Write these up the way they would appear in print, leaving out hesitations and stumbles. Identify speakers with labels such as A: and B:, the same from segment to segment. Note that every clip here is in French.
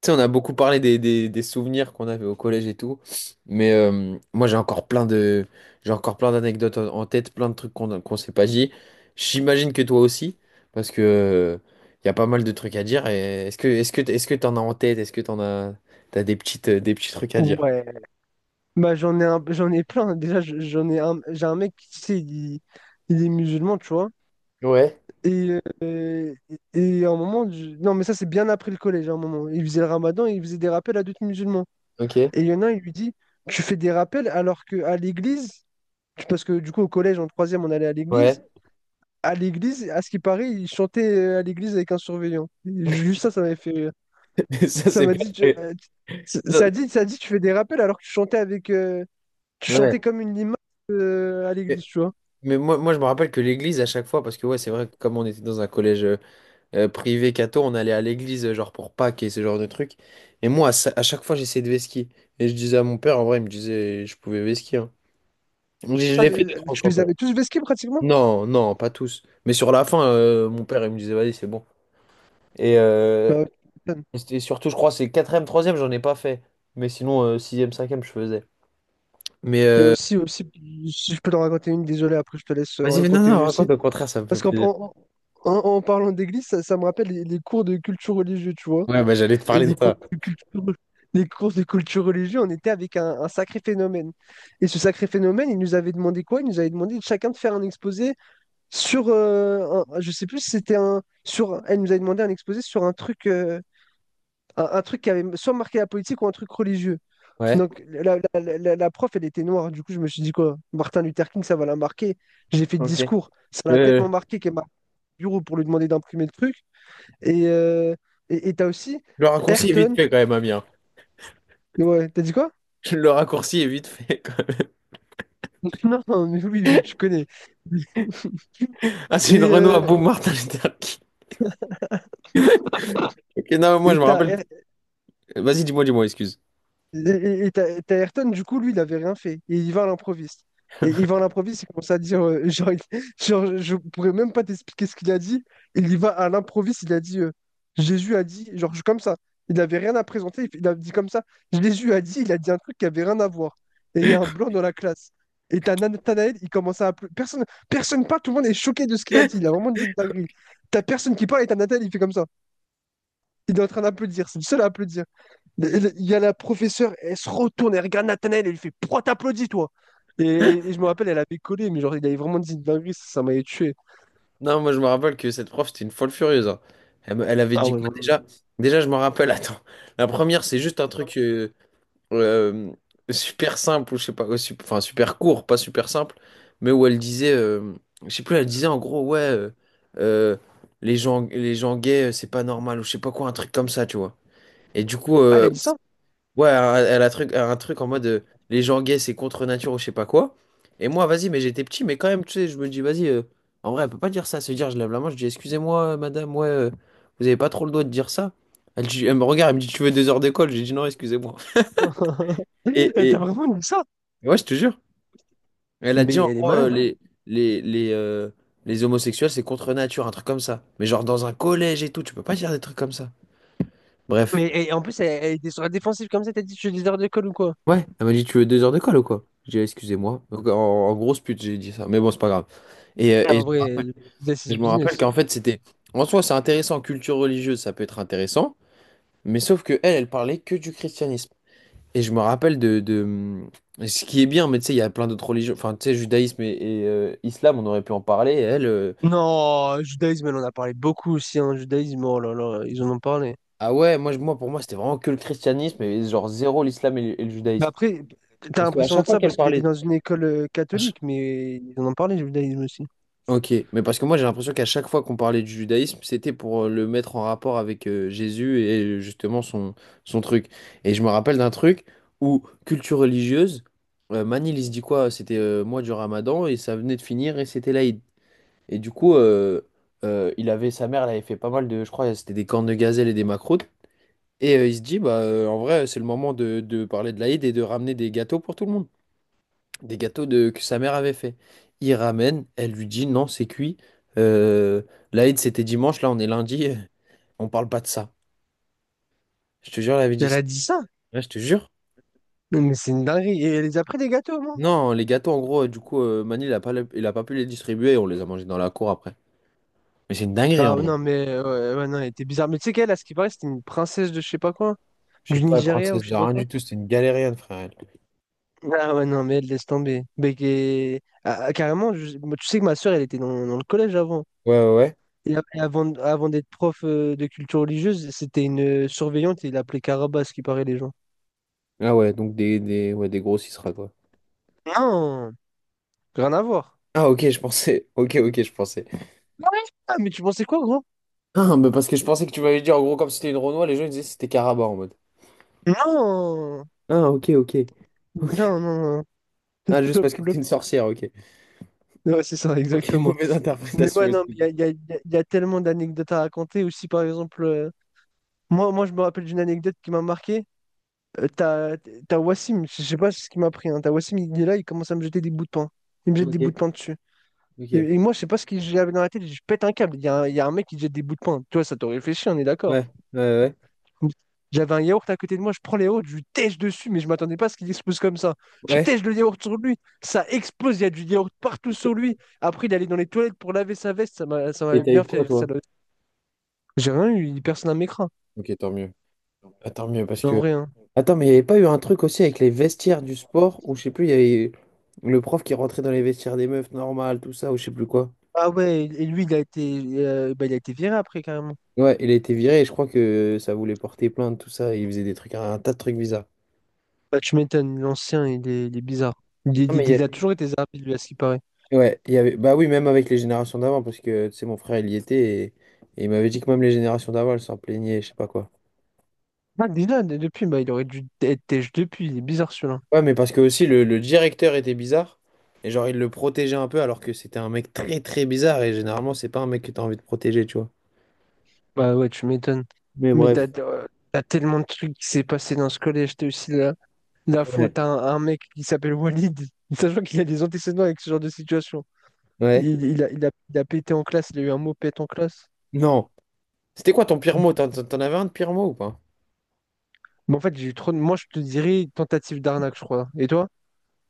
A: Tu sais, on a beaucoup parlé des souvenirs qu'on avait au collège et tout, mais moi j'ai encore plein d'anecdotes en tête, plein de trucs qu'on s'est pas dit. J'imagine que toi aussi, parce que il y a pas mal de trucs à dire. Et est-ce que t'en as en tête? Est-ce que t'as des petits trucs à dire?
B: Ouais, bah j'en ai un, j'en ai plein. Déjà, j'en ai un, j'ai un mec qui, tu sais, il est musulman, tu vois.
A: Ouais,
B: Et, euh, et à un moment, non, mais ça, c'est bien après le collège, à un moment. Il faisait le ramadan et il faisait des rappels à d'autres musulmans.
A: ok,
B: Et il y en a un, il lui dit, tu fais des rappels alors que à l'église, parce que du coup, au collège, en troisième, on allait à l'église.
A: ouais.
B: À l'église, à ce qui paraît, il chantait à l'église avec un surveillant. Juste ça, ça m'avait fait rire.
A: Ça
B: Ça
A: c'est
B: m'a
A: pas
B: dit,
A: très-
B: ça dit, tu fais des rappels alors que tu chantais avec, tu
A: Ouais.
B: chantais comme une limace à l'église, tu vois.
A: Mais moi je me rappelle que l'église à chaque fois, parce que ouais c'est vrai que comme on était dans un collège, privé catho, on allait à l'église, genre pour Pâques et ce genre de trucs. Et moi, à chaque fois, j'essayais de vesquiller. Et je disais à mon père, en vrai, il me disait, je pouvais vesquiller, hein. Donc, je
B: Ah,
A: l'ai fait deux, trois
B: tu
A: fois, quand
B: les
A: même.
B: avais tous vesqués pratiquement?
A: Non, non, pas tous. Mais sur la fin, mon père, il me disait, vas-y, c'est bon. Et, euh,
B: Bah, ouais, tu m'étonnes.
A: et surtout, je crois, c'est quatrième, troisième, j'en ai pas fait. Mais sinon, sixième, cinquième, je faisais. Mais
B: Et aussi, si je peux t'en raconter une, désolé, après je te laisse
A: vas-y, mais non,
B: raconter une
A: non,
B: aussi.
A: raconte, au contraire, ça me fait
B: Parce qu'en
A: plaisir.
B: en, en- en parlant d'église, ça me rappelle les cours de culture religieuse, tu vois.
A: Ouais, bah j'allais te
B: Et
A: parler de
B: les cours
A: ça.
B: de culture, les cours de culture religieuse, on était avec un sacré phénomène. Et ce sacré phénomène, il nous avait demandé quoi? Il nous avait demandé chacun de faire un exposé sur, je sais plus si c'était un, sur, elle nous avait demandé un exposé sur un truc. un truc qui avait soit marqué la politique ou un truc religieux.
A: Ouais.
B: Donc la prof, elle était noire. Du coup, je me suis dit quoi, Martin Luther King, ça va la marquer. J'ai fait le
A: Ok.
B: discours. Ça l'a
A: Euh,
B: tellement marqué qu'elle m'a appelé au bureau pour lui demander d'imprimer le truc. Et euh, et t'as aussi
A: le raccourci est vite
B: Ayrton.
A: fait quand même, Amir.
B: Ouais, t'as dit quoi?
A: Le raccourci est vite fait.
B: Non, mais oui, mais tu connais.
A: Ah, c'est une
B: Et
A: Renault à
B: euh,
A: boum Martin Luther King. Ok, non, moi
B: et
A: je me
B: t'as
A: rappelle. Vas-y, dis-moi, dis-moi, excuse.
B: Et Ayrton, du coup, lui, il avait rien fait. Et il va à l'improviste. Et il va à l'improviste, il commence à dire, genre, genre, je pourrais même pas t'expliquer ce qu'il a dit. Il y va à l'improviste, il a dit, Jésus a dit, genre, comme ça. Il n'avait rien à présenter, il a dit comme ça. Jésus a dit, il a dit un truc qui avait rien à voir. Et il y a un blanc dans la classe. Et t'as Nathanaël, il commence à applaudir. Personne parle, tout le monde est choqué de ce qu'il a dit. Il a vraiment dit une dinguerie. T'as personne qui parle et t'as Nathanaël, il fait comme ça. Il est en train d'applaudir, c'est le seul à applaudir. Il y a la professeure, elle se retourne, elle regarde Nathanaël, elle lui fait pourquoi t'applaudis, toi? Et, et je me rappelle, elle avait collé, mais genre, il avait vraiment dit une dinguerie, ça m'avait tué.
A: Non, moi je me rappelle que cette prof, c'était une folle furieuse, hein. Elle avait dit quoi déjà? Déjà, je me rappelle, attends. La première, c'est juste un truc euh, super simple, ou je sais pas, enfin super court, pas super simple, mais où elle disait, je sais plus, elle disait en gros, ouais, euh, les gens gays, c'est pas normal, ou je sais pas quoi, un truc comme ça, tu vois. Et du coup,
B: Ah, elle a dit ça?
A: ouais, elle a truc, un truc en mode les gens gays c'est contre nature ou je sais pas quoi. Et moi, vas-y, mais j'étais petit, mais quand même, tu sais, je me dis, vas-y, en vrai, elle peut pas dire ça. Se dire, je lève la main, je dis, excusez-moi, madame, ouais, vous avez pas trop le droit de dire ça. Elle me regarde, elle me dit, tu veux 2 heures d'école? J'ai dit, non, excusez-moi. Et,
B: Elle t'a
A: et,
B: vraiment dit ça?
A: ouais, je te jure. Elle a dit,
B: Mais
A: en
B: elle est
A: gros,
B: malade.
A: les, les, euh, les homosexuels c'est contre nature, un truc comme ça. Mais genre, dans un collège et tout, tu peux pas dire des trucs comme ça. Bref.
B: Mais et en plus, elle était sur la défensive comme ça, t'as dit, tu es leader d'école ou quoi?
A: Ouais, elle m'a dit, tu veux deux heures de colle ou quoi? J'ai dit, excusez-moi. Donc, en grosse pute, j'ai dit ça. Mais bon, c'est pas grave. Et, euh,
B: Ah,
A: et
B: en vrai, Judas is
A: je me rappelle
B: business.
A: qu'en fait, c'était. En soi, c'est intéressant, culture religieuse, ça peut être intéressant. Mais sauf que elle, elle parlait que du christianisme. Et je me rappelle de ce qui est bien, mais tu sais, il y a plein d'autres religions. Enfin, tu sais, judaïsme et islam, on aurait pu en parler.
B: Non, judaïsme, elle en a parlé beaucoup aussi, hein, judaïsme, oh là là, ils en ont parlé.
A: Ah ouais, moi, moi, pour moi, c'était vraiment que le christianisme et genre zéro l'islam et le
B: Mais
A: judaïsme.
B: après, t'as
A: Parce qu'à
B: l'impression
A: chaque
B: de
A: fois
B: ça
A: qu'elle
B: parce que t'étais
A: parlait.
B: dans une école catholique, mais ils en ont parlé, judaïsme aussi.
A: Ok, mais parce que moi j'ai l'impression qu'à chaque fois qu'on parlait du judaïsme, c'était pour le mettre en rapport avec Jésus et justement son truc. Et je me rappelle d'un truc où culture religieuse, Manil il se dit quoi? C'était mois du Ramadan et ça venait de finir et c'était l'Aïd. Et du coup, il avait sa mère, elle avait fait pas mal de, je crois, c'était des cornes de gazelle et des macroutes. Et il se dit, bah, en vrai, c'est le moment de parler de l'Aïd et de ramener des gâteaux pour tout le monde des gâteaux de, que sa mère avait fait. Il ramène, elle lui dit non, c'est cuit. Euh, L'Aïd, c'était dimanche, là on est lundi, on parle pas de ça. Je te jure, elle avait dit
B: Elle
A: ça.
B: a dit ça?
A: Ouais, je te jure.
B: Non, mais c'est une dinguerie. Et elle les a pris des gâteaux, moi.
A: Non, les gâteaux, en gros, du coup, Mani, il a pas pu les distribuer et on les a mangés dans la cour après. Mais c'est une dinguerie
B: Ah
A: en vrai.
B: non, mais ouais, ouais, non, elle était bizarre. Mais tu sais qu'elle, à ce qui paraît, c'était une princesse de je sais pas quoi,
A: Je sais
B: du
A: pas,
B: Nigeria ou
A: princesse
B: je sais
A: de
B: pas
A: rien
B: quoi.
A: du tout, c'était une galérienne, frère. Elle.
B: Ah ouais, non, mais elle laisse tomber. Mais ah, carrément, moi, tu sais que ma soeur, elle était dans le collège avant.
A: Ouais, ouais, ouais.
B: Et avant, d'être prof de culture religieuse, c'était une surveillante et il l'appelait Caraba, à ce qui paraît, les gens.
A: Ah ouais, donc ouais, des gros sera quoi.
B: Non, rien à voir.
A: Ah ok, je pensais. Ok, ok, je pensais.
B: Ah ouais. Ah, mais tu pensais quoi, gros?
A: Ah, mais parce que je pensais que tu m'avais dit en gros, comme si c'était une Renoir, les gens ils disaient que c'était Caraba en mode.
B: Non,
A: Ah ok, ok.
B: non, non, non.
A: Ah, juste
B: Top,
A: parce que t'es
B: top.
A: une sorcière, ok.
B: Ouais, c'est ça,
A: Ok,
B: exactement.
A: mauvaise
B: Mais
A: interprétation,
B: ouais, non, mais
A: excuse.
B: il y a, il y a- il y a- il y a tellement d'anecdotes à raconter. Aussi, par exemple, moi, je me rappelle d'une anecdote qui m'a marqué. Euh, t'as, t'as Wassim, je sais pas ce qui m'a pris. Hein. T'as Wassim, il est là, il commence à me jeter des bouts de pain. Il me jette des
A: Ok,
B: bouts de pain dessus. Et,
A: ok.
B: et
A: Ouais,
B: moi, je sais pas ce que j'avais dans la tête. Je pète un câble. Il y a un mec qui jette des bouts de pain. Tu vois, ça t'aurait réfléchi, on est d'accord.
A: ouais, ouais.
B: J'avais un yaourt à côté de moi, je prends les yaourts, je lui tèche dessus, mais je m'attendais pas à ce qu'il explose comme ça. Je
A: Ouais.
B: tèche
A: Ouais.
B: le yaourt sur lui, ça explose, il y a du yaourt partout sur lui. Après, il allait dans les toilettes pour laver sa veste, ça
A: Et
B: m'avait
A: t'as
B: bien
A: eu
B: fait
A: quoi,
B: rire, ça.
A: toi?
B: J'ai rien eu, personne ne m'écran,
A: Ok, tant mieux. Ah, tant mieux, parce
B: en
A: que…
B: vrai. Hein.
A: Attends, mais il n'y avait pas eu un truc aussi avec les vestiaires du sport, où je sais plus, il y avait le prof qui rentrait dans les vestiaires des meufs normales, tout ça, ou je sais plus quoi.
B: Ah ouais, et lui, bah, il a été viré après, carrément.
A: Ouais, il a été viré, et je crois que ça voulait porter plainte, tout ça, et il faisait des trucs, un tas de trucs bizarres.
B: Bah, tu m'étonnes, l'ancien, il est bizarre. Il,
A: Ah,
B: il- il a toujours été zarbi, lui, à ce qui paraît.
A: ouais, il y avait. Bah oui, même avec les générations d'avant, parce que, tu sais, mon frère, il y était, et il m'avait dit que même les générations d'avant, elles s'en plaignaient, je sais pas quoi.
B: Ah, déjà, depuis, bah, il aurait dû être têche depuis, il est bizarre, celui-là.
A: Ouais, mais parce que aussi le directeur était bizarre. Et genre, il le protégeait un peu alors que c'était un mec très très bizarre. Et généralement, c'est pas un mec que t'as envie de protéger, tu vois.
B: Bah ouais, tu m'étonnes.
A: Mais
B: Mais t'as,
A: bref.
B: euh, t'as tellement de trucs qui s'est passé dans ce collège. T'as aussi la faute à
A: Ouais.
B: un mec qui s'appelle Walid, sachant qu'il a des antécédents avec ce genre de situation.
A: Ouais.
B: Il a pété en classe, il a eu un mot pète en classe.
A: Non. C'était quoi ton pire mot? T'en avais un de pire mot ou pas?
B: Mais en fait, j'ai eu trop de... Moi, je te dirais tentative d'arnaque, je crois. Et toi?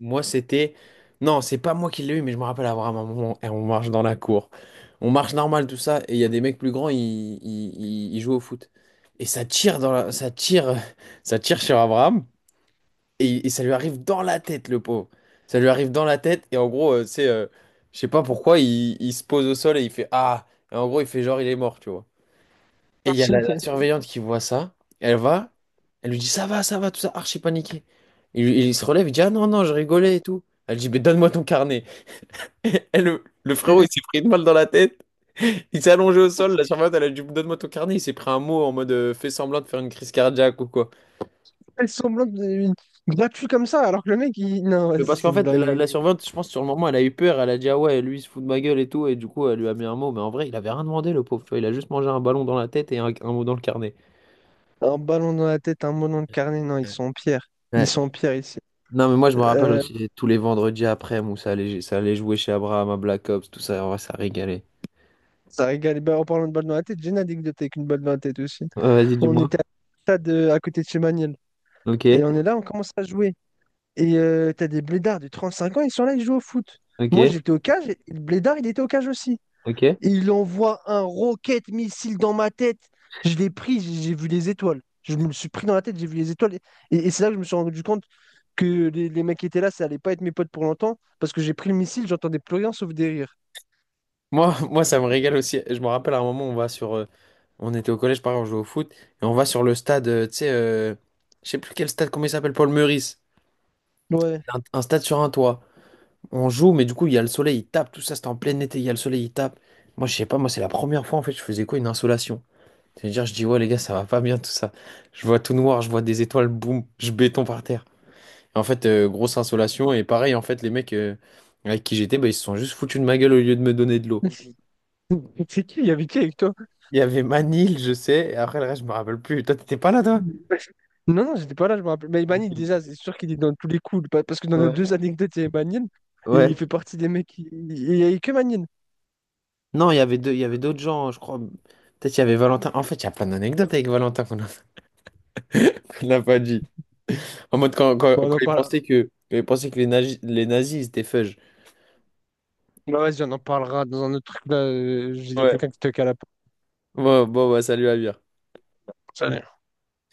A: Moi, c'était. Non, c'est pas moi qui l'ai eu, mais je me rappelle avoir un moment. Et on marche dans la cour. On marche normal, tout ça. Et il y a des mecs plus grands, ils jouent au foot. Et ça tire dans la... ça tire... ça tire sur Abraham. Et ça lui arrive dans la tête, le pauvre. Ça lui arrive dans la tête, et en gros, tu sais, je sais pas pourquoi, il se pose au sol et il fait Ah! Et en gros, il fait genre, il est mort, tu vois. Et il y a la surveillante qui voit ça, elle va, elle lui dit ça va, tout ça, archi paniqué. Il se relève, il dit Ah non, non, je rigolais et tout. Elle dit Mais donne-moi ton carnet. Et le frérot, il s'est pris une balle dans la tête, il s'est allongé au sol, la surveillante, elle a dit Donne-moi ton carnet, il s'est pris un mot en mode Fais semblant de faire une crise cardiaque ou quoi.
B: Elle semblante gratuit comme ça, alors que le mec, il... Non,
A: Mais
B: vas-y,
A: parce
B: c'est
A: qu'en
B: une
A: fait, la,
B: dinguerie.
A: la surveillante, je pense, sur le moment, elle a eu peur. Elle a dit, ah ouais, lui, il se fout de ma gueule et tout. Et du coup, elle lui a mis un mot. Mais en vrai, il avait rien demandé, le pauvre, tu vois. Il a juste mangé un ballon dans la tête et un mot dans le carnet.
B: Un ballon dans la tête, un mot dans le carnet, non, ils sont en pierre. Ils sont en
A: Ouais.
B: pierre ici.
A: Non, mais moi, je me rappelle
B: Euh,
A: aussi tous les vendredis après où ça allait jouer chez Abraham à Black Ops, tout ça. Ouais, ça régalait.
B: ça régale. Ben, en parlant de balle dans la tête, j'ai une anecdote avec une balle dans la tête aussi.
A: Ouais, vas-y,
B: On
A: dis-moi.
B: était à, stade, à côté de chez Maniel.
A: Ok,
B: Et on est là, on commence à jouer. T'as des blédards de 35 ans, ils sont là, ils jouent au foot. Moi,
A: ok,
B: j'étais au cage, et le blédard, il était au cage aussi.
A: ok.
B: Il envoie un rocket missile dans ma tête. Je l'ai pris, j'ai vu les étoiles. Je me le suis pris dans la tête, j'ai vu les étoiles. Et c'est là que je me suis rendu compte que les mecs qui étaient là, ça allait pas être mes potes pour longtemps. Parce que j'ai pris le missile, j'entendais plus rien sauf des rires.
A: Moi, moi, ça me régale aussi. Je me rappelle à un moment, on va sur. On était au collège, pareil, on jouait au foot. Et on va sur le stade, tu sais, je sais plus quel stade, comment il s'appelle, Paul Meurice.
B: Ouais.
A: Un stade sur un toit. On joue, mais du coup, il y a le soleil, il tape, tout ça, c'était en plein été, il y a le soleil, il tape. Moi, je sais pas, moi, c'est la première fois, en fait, je faisais quoi, une insolation. C'est-à-dire, je dis, ouais, les gars, ça va pas bien, tout ça. Je vois tout noir, je vois des étoiles, boum, je béton par terre. Et en fait, grosse insolation, et pareil, en fait, les mecs avec qui j'étais, bah, ils se sont juste foutus de ma gueule au lieu de me donner de l'eau.
B: C'est qui? Il y avait qui avec toi?
A: Il y avait Manil, je sais, et après, le reste, je me rappelle plus. Toi, t'étais pas là, toi?
B: Non, non, j'étais pas là, je me rappelle. Mais Ebanil,
A: Ok.
B: déjà, c'est sûr qu'il est dans tous les coups. Parce que dans nos
A: Ouais.
B: deux anecdotes, il y a Ebanil. Et il
A: Ouais.
B: fait partie des mecs qui. Il n'y avait que Manil.
A: Non, il y avait deux, il y avait d'autres gens, je crois. Peut-être il y avait Valentin. En fait, il y a plein d'anecdotes avec Valentin qu'on n'a pas dit. En mode, quand, quand,
B: Bon, on
A: quand
B: en
A: ils
B: parle...
A: pensaient que, quand ils pensaient que les nazis, ils étaient fudge.
B: bah, vas-y, on en parlera dans un autre truc là. Il y a
A: Ouais.
B: quelqu'un qui toque à la
A: Bon, bon, bah, salut, Amir.
B: porte.